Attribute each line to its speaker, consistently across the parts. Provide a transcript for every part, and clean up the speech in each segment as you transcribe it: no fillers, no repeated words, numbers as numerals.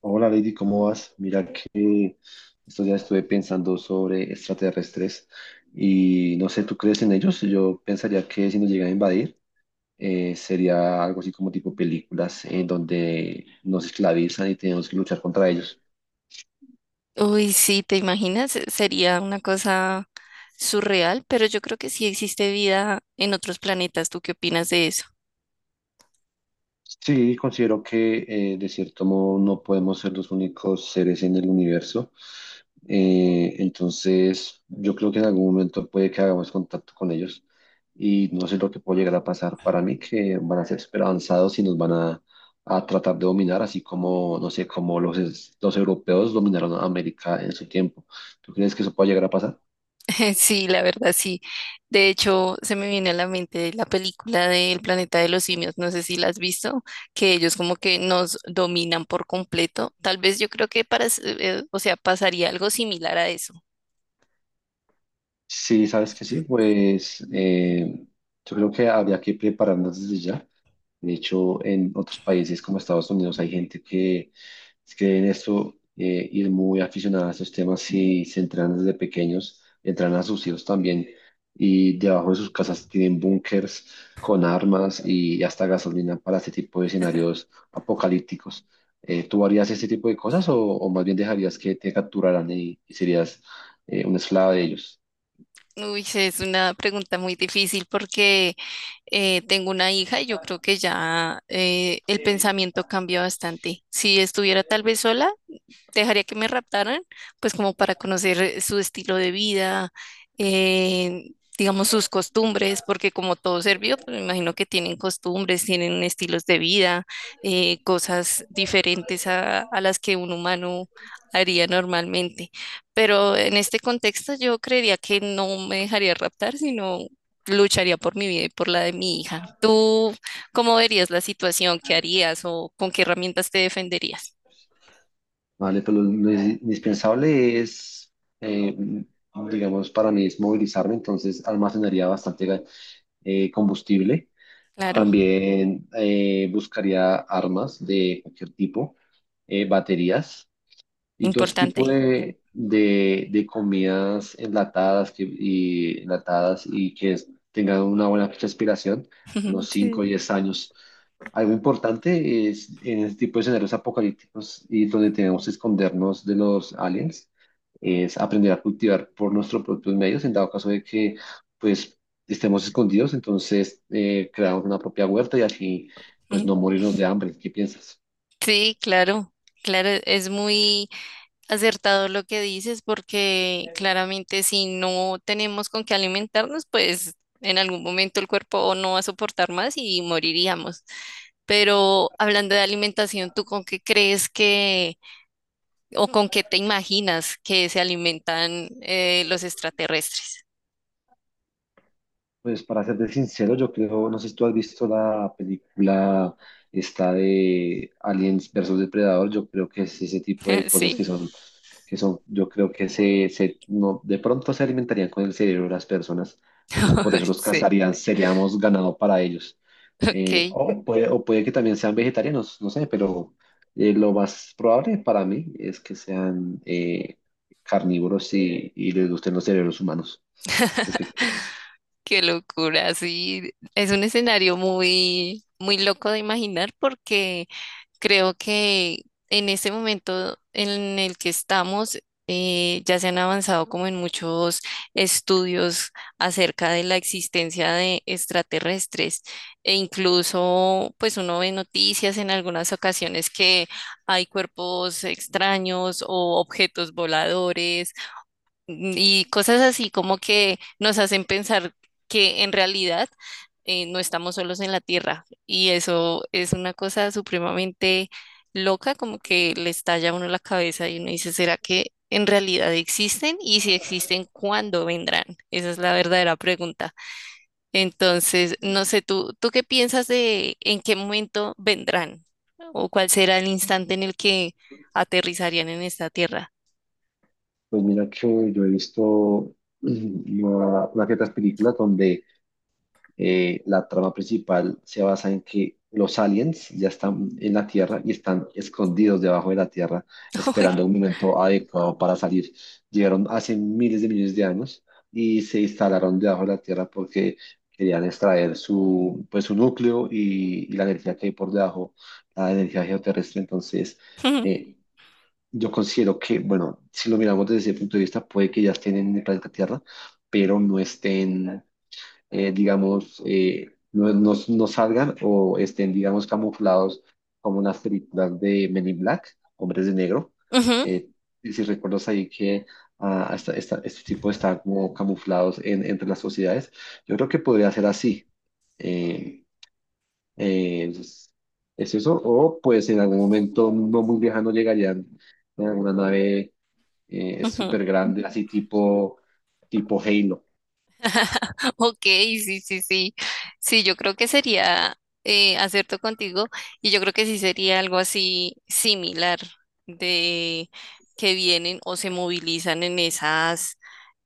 Speaker 1: Hola Lady, ¿cómo vas? Mira que estos días estuve pensando sobre extraterrestres y no sé, ¿tú crees en ellos? Yo pensaría que si nos llegan a invadir sería algo así como tipo películas en donde nos esclavizan y tenemos que luchar contra ellos.
Speaker 2: Uy, sí, ¿te imaginas? Sería una cosa surreal, pero yo creo que sí existe vida en otros planetas. ¿Tú qué opinas de eso?
Speaker 1: Sí, considero que de cierto modo no podemos ser los únicos seres en el universo. Entonces, yo creo que en algún momento puede que hagamos contacto con ellos y no sé lo que puede llegar a pasar. Para mí que van a ser súper avanzados y nos van a tratar de dominar, así como, no sé, como los europeos dominaron a América en su tiempo. ¿Tú crees que eso puede llegar a pasar?
Speaker 2: Sí, la verdad, sí. De hecho, se me viene a la mente la película del planeta de los simios, no sé si la has visto, que ellos como que nos dominan por completo. Tal vez yo creo que o sea, pasaría algo similar a eso.
Speaker 1: Sí, sabes que sí, pues yo creo que habría que prepararnos desde ya. De hecho, en otros países como Estados Unidos hay gente que es que en esto ir muy aficionada a estos temas y se entrenan desde pequeños, entrenan a sus hijos también y debajo de sus casas tienen búnkers con armas y hasta gasolina para este tipo de escenarios apocalípticos. ¿Tú harías este tipo de cosas o más bien dejarías que te capturaran y serías una esclava de ellos?
Speaker 2: Uy, sí, es una pregunta muy difícil porque tengo una hija y yo creo que ya el pensamiento cambia bastante. Si estuviera tal vez sola, dejaría que me raptaran, pues como para conocer su estilo de vida, eh, digamos sus costumbres, porque como todo serbio, pues me imagino que tienen costumbres, tienen estilos de vida, cosas diferentes a las que un humano haría normalmente. Pero en este contexto yo creería que no me dejaría raptar, sino lucharía por mi vida y por la de mi hija. ¿Tú cómo verías la situación? ¿Qué harías o con qué herramientas te defenderías?
Speaker 1: Vale, pero lo indispensable es, eh, digamos, para mí es movilizarme, entonces almacenaría bastante combustible.
Speaker 2: Claro,
Speaker 1: También buscaría armas de cualquier tipo, baterías. Y todo ese tipo
Speaker 2: importante.
Speaker 1: de comidas enlatadas y que tengan una buena fecha de expiración,
Speaker 2: Ujú,
Speaker 1: unos 5
Speaker 2: sí,
Speaker 1: o 10 años. Algo importante es en este tipo de escenarios apocalípticos y donde tenemos que escondernos de los aliens, es aprender a cultivar por nuestros propios medios, en dado caso de que pues estemos escondidos, entonces creamos una propia huerta y así pues
Speaker 2: ujú.
Speaker 1: no morirnos de hambre. ¿Qué piensas?
Speaker 2: Sí, claro, claro, es muy acertado lo que dices porque claramente si no tenemos con qué alimentarnos, pues en algún momento el cuerpo o no va a soportar más y moriríamos. Pero hablando de alimentación, ¿tú con qué crees que o con qué te imaginas que se alimentan los extraterrestres?
Speaker 1: Pues para serte sincero, yo creo, no sé si tú has visto la película esta de Aliens versus Depredador, yo creo que es ese tipo de cosas
Speaker 2: Sí,
Speaker 1: que son, yo creo que se no, de pronto se alimentarían con el cerebro de las personas, entonces por eso los
Speaker 2: sí,
Speaker 1: cazarían, seríamos ganado para ellos.
Speaker 2: ok.
Speaker 1: O puede que también sean vegetarianos, no sé, pero lo más probable para mí es que sean carnívoros y les gusten los cerebros humanos.
Speaker 2: Qué locura, sí. Es un escenario muy, muy loco de imaginar porque creo que en ese momento en el que estamos ya se han avanzado como en muchos estudios acerca de la existencia de extraterrestres e incluso pues uno ve noticias en algunas ocasiones que hay cuerpos extraños o objetos voladores y cosas así como que nos hacen pensar que en realidad no estamos solos en la Tierra. Y eso es una cosa supremamente loca, como que le estalla a uno la cabeza y uno dice, ¿será que en realidad existen? Y si existen, ¿cuándo vendrán? Esa es la verdadera pregunta. Entonces, no sé, ¿ tú qué piensas de en qué momento vendrán? ¿O cuál será el instante en el que aterrizarían en esta Tierra?
Speaker 1: Pues mira que yo he visto una que otras películas donde la trama principal se basa en que los aliens ya están en la Tierra y están escondidos debajo de la Tierra,
Speaker 2: Uy.
Speaker 1: esperando un momento adecuado para salir. Llegaron hace miles de millones de años y se instalaron debajo de la Tierra porque querían extraer su, pues, su núcleo y la energía que hay por debajo, la energía geoterrestre. Entonces,
Speaker 2: Ujú,
Speaker 1: eh, yo considero que, bueno, si lo miramos desde ese punto de vista, puede que ya estén en el planeta Tierra, pero no estén, digamos, no, no salgan o estén, digamos, camuflados como unas películas de Men in Black, Hombres de Negro.
Speaker 2: ujú,
Speaker 1: Eh, y si recuerdas ahí que este tipo está como camuflados entre las sociedades, yo creo que podría ser así. Eh, entonces, es eso. O pues en algún momento no muy lejano llegarían en alguna nave
Speaker 2: ujú.
Speaker 1: súper grande, así tipo Halo.
Speaker 2: Ok, sí, sí, sí. Sí, yo creo que sería acierto contigo y yo creo que sí sería algo así similar de que vienen o se movilizan en esas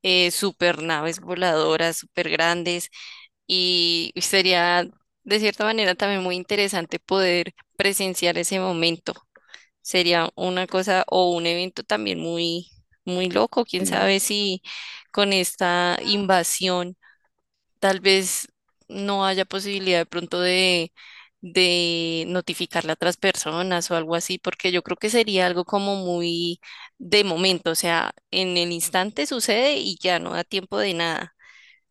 Speaker 2: super naves voladoras super grandes y sería de cierta manera también muy interesante poder presenciar ese momento. Sería una cosa o un evento también muy, muy loco. Quién
Speaker 1: Sí.
Speaker 2: sabe si con esta invasión tal vez no haya posibilidad de pronto de notificarle a otras personas o algo así, porque yo creo que sería algo como muy de momento, o sea, en el instante sucede y ya no da tiempo de nada.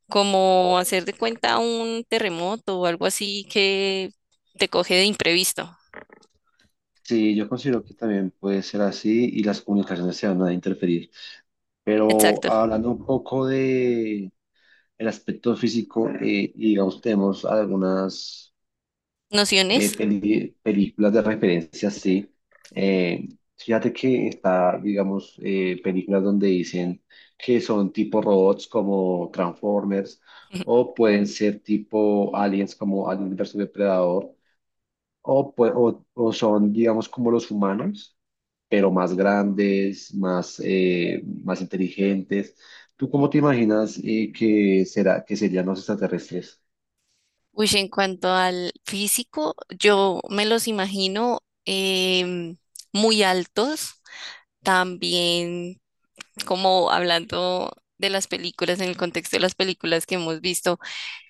Speaker 2: Como hacer de cuenta un terremoto o algo así que te coge de imprevisto.
Speaker 1: Sí, yo considero que también puede ser así y las comunicaciones se van a interferir. Pero
Speaker 2: Exacto.
Speaker 1: hablando un poco de el aspecto físico, y digamos, tenemos algunas
Speaker 2: ¿Nociones?
Speaker 1: películas de referencia, sí. Eh, Fíjate que está, digamos, películas donde dicen que son tipo robots como Transformers, o pueden ser tipo aliens como Alien versus Depredador, o son, digamos, como los humanos, pero más grandes, más, más inteligentes. ¿Tú cómo te imaginas que serían los extraterrestres?
Speaker 2: Uy, en cuanto al físico, yo me los imagino em, muy altos, también como hablando de las películas, en el contexto de las películas que hemos visto,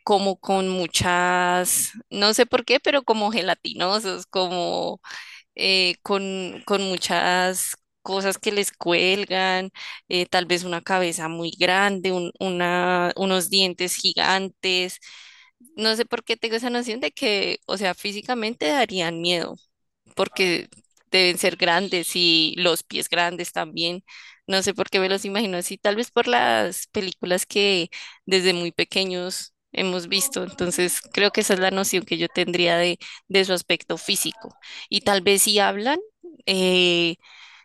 Speaker 2: como con muchas, no sé por qué, pero como gelatinosos, como con muchas cosas que les cuelgan, tal vez una cabeza muy grande, unos dientes gigantes. No sé por qué tengo esa noción de que, o sea, físicamente darían miedo porque deben ser grandes y los pies grandes también. No sé por qué me los imagino así, tal vez por las películas que desde muy pequeños hemos visto. Entonces, creo que esa es la noción que yo tendría de su aspecto físico. Y tal vez si hablan, eh,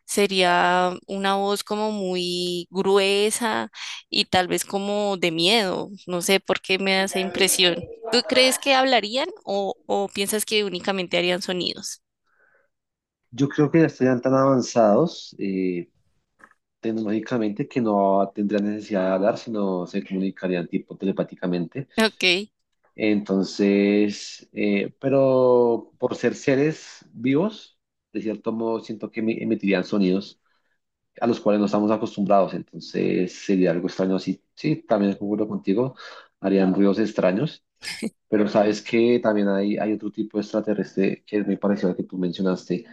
Speaker 2: sería una voz como muy gruesa y tal vez como de miedo. No sé por qué me da esa impresión. ¿Tú crees que hablarían o piensas que únicamente harían sonidos?
Speaker 1: Yo creo que ya estarían tan avanzados, tecnológicamente que no tendrían necesidad de hablar, sino se comunicarían tipo telepáticamente.
Speaker 2: Ok.
Speaker 1: Entonces, pero por ser seres vivos, de cierto modo siento que emitirían sonidos a los cuales no estamos acostumbrados, entonces sería algo extraño así. Sí, también concuerdo contigo, harían ruidos extraños, pero sabes que también hay otro tipo de extraterrestre que es muy parecido al que tú mencionaste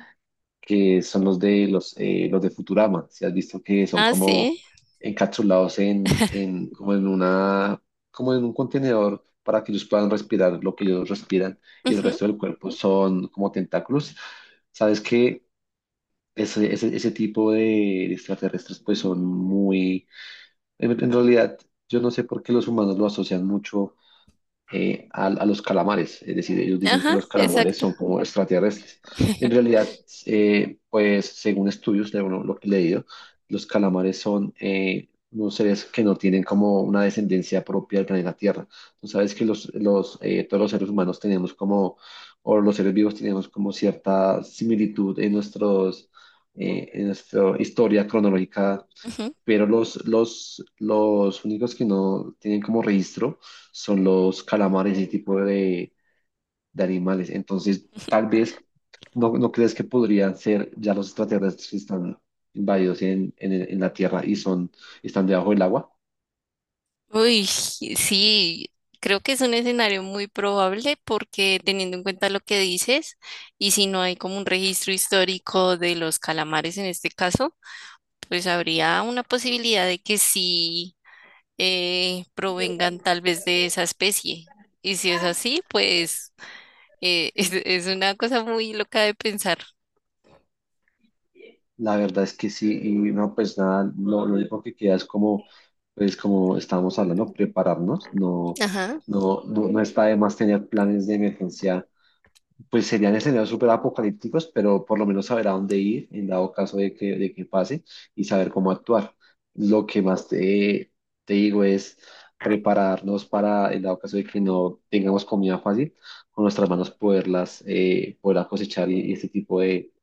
Speaker 1: que son los de Futurama. Si has visto que son
Speaker 2: Ah,
Speaker 1: como
Speaker 2: sí.
Speaker 1: encapsulados como en como en un contenedor para que ellos puedan respirar lo que ellos respiran y el
Speaker 2: Ujú.
Speaker 1: resto del cuerpo son como tentáculos. Sabes que ese tipo de extraterrestres pues son muy, en realidad yo no sé por qué los humanos lo asocian mucho a los calamares. Es decir, ellos dicen que
Speaker 2: Ajá,
Speaker 1: los calamares
Speaker 2: exacto.
Speaker 1: son como extraterrestres. En realidad, pues según estudios, lo que he leído, los calamares son unos seres que no tienen como una descendencia propia del planeta Tierra. Tú sabes que todos los seres humanos tenemos como, o los seres vivos tenemos como cierta similitud en nuestra historia cronológica,
Speaker 2: Ujú.
Speaker 1: pero los únicos que no tienen como registro son los calamares, ese tipo de animales. Entonces, tal vez, ¿no, no crees que podrían ser ya los extraterrestres que están invadidos en la Tierra y están debajo del agua?
Speaker 2: Uy, sí, creo que es un escenario muy probable porque teniendo en cuenta lo que dices, y si no hay como un registro histórico de los calamares en este caso, pues habría una posibilidad de que sí. Provengan tal vez de esa especie. Y si es así, pues es una cosa muy loca de pensar.
Speaker 1: La verdad es que sí, y no, pues nada, lo único que queda es como, pues como estábamos hablando, prepararnos, no,
Speaker 2: Ajá,
Speaker 1: no, no, no está de más tener planes de emergencia, pues serían escenarios súper apocalípticos, pero por lo menos saber a dónde ir en dado caso de de que pase y saber cómo actuar. Lo que más te digo es prepararnos para, en dado caso de que no tengamos comida fácil, con nuestras manos poderlas cosechar y este tipo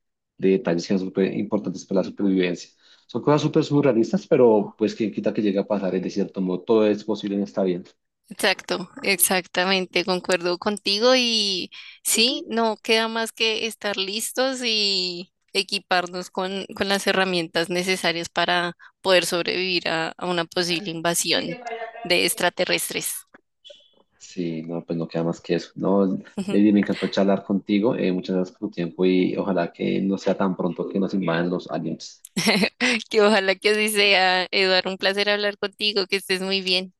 Speaker 1: de detalles que son súper importantes para la supervivencia. Son cosas súper surrealistas, pero pues quien quita que llegue a pasar, es de cierto modo, todo es posible en esta vida.
Speaker 2: exacto, exactamente, concuerdo contigo y sí, no queda más que estar listos y equiparnos con las herramientas necesarias para poder sobrevivir a una posible invasión de extraterrestres.
Speaker 1: Sí, no, pues no queda más que eso. No, Lady, me encantó charlar contigo. Muchas gracias por tu tiempo y ojalá que no sea tan pronto que nos invadan los aliens.
Speaker 2: Que ojalá que así sea, Eduardo, un placer hablar contigo, que estés muy bien.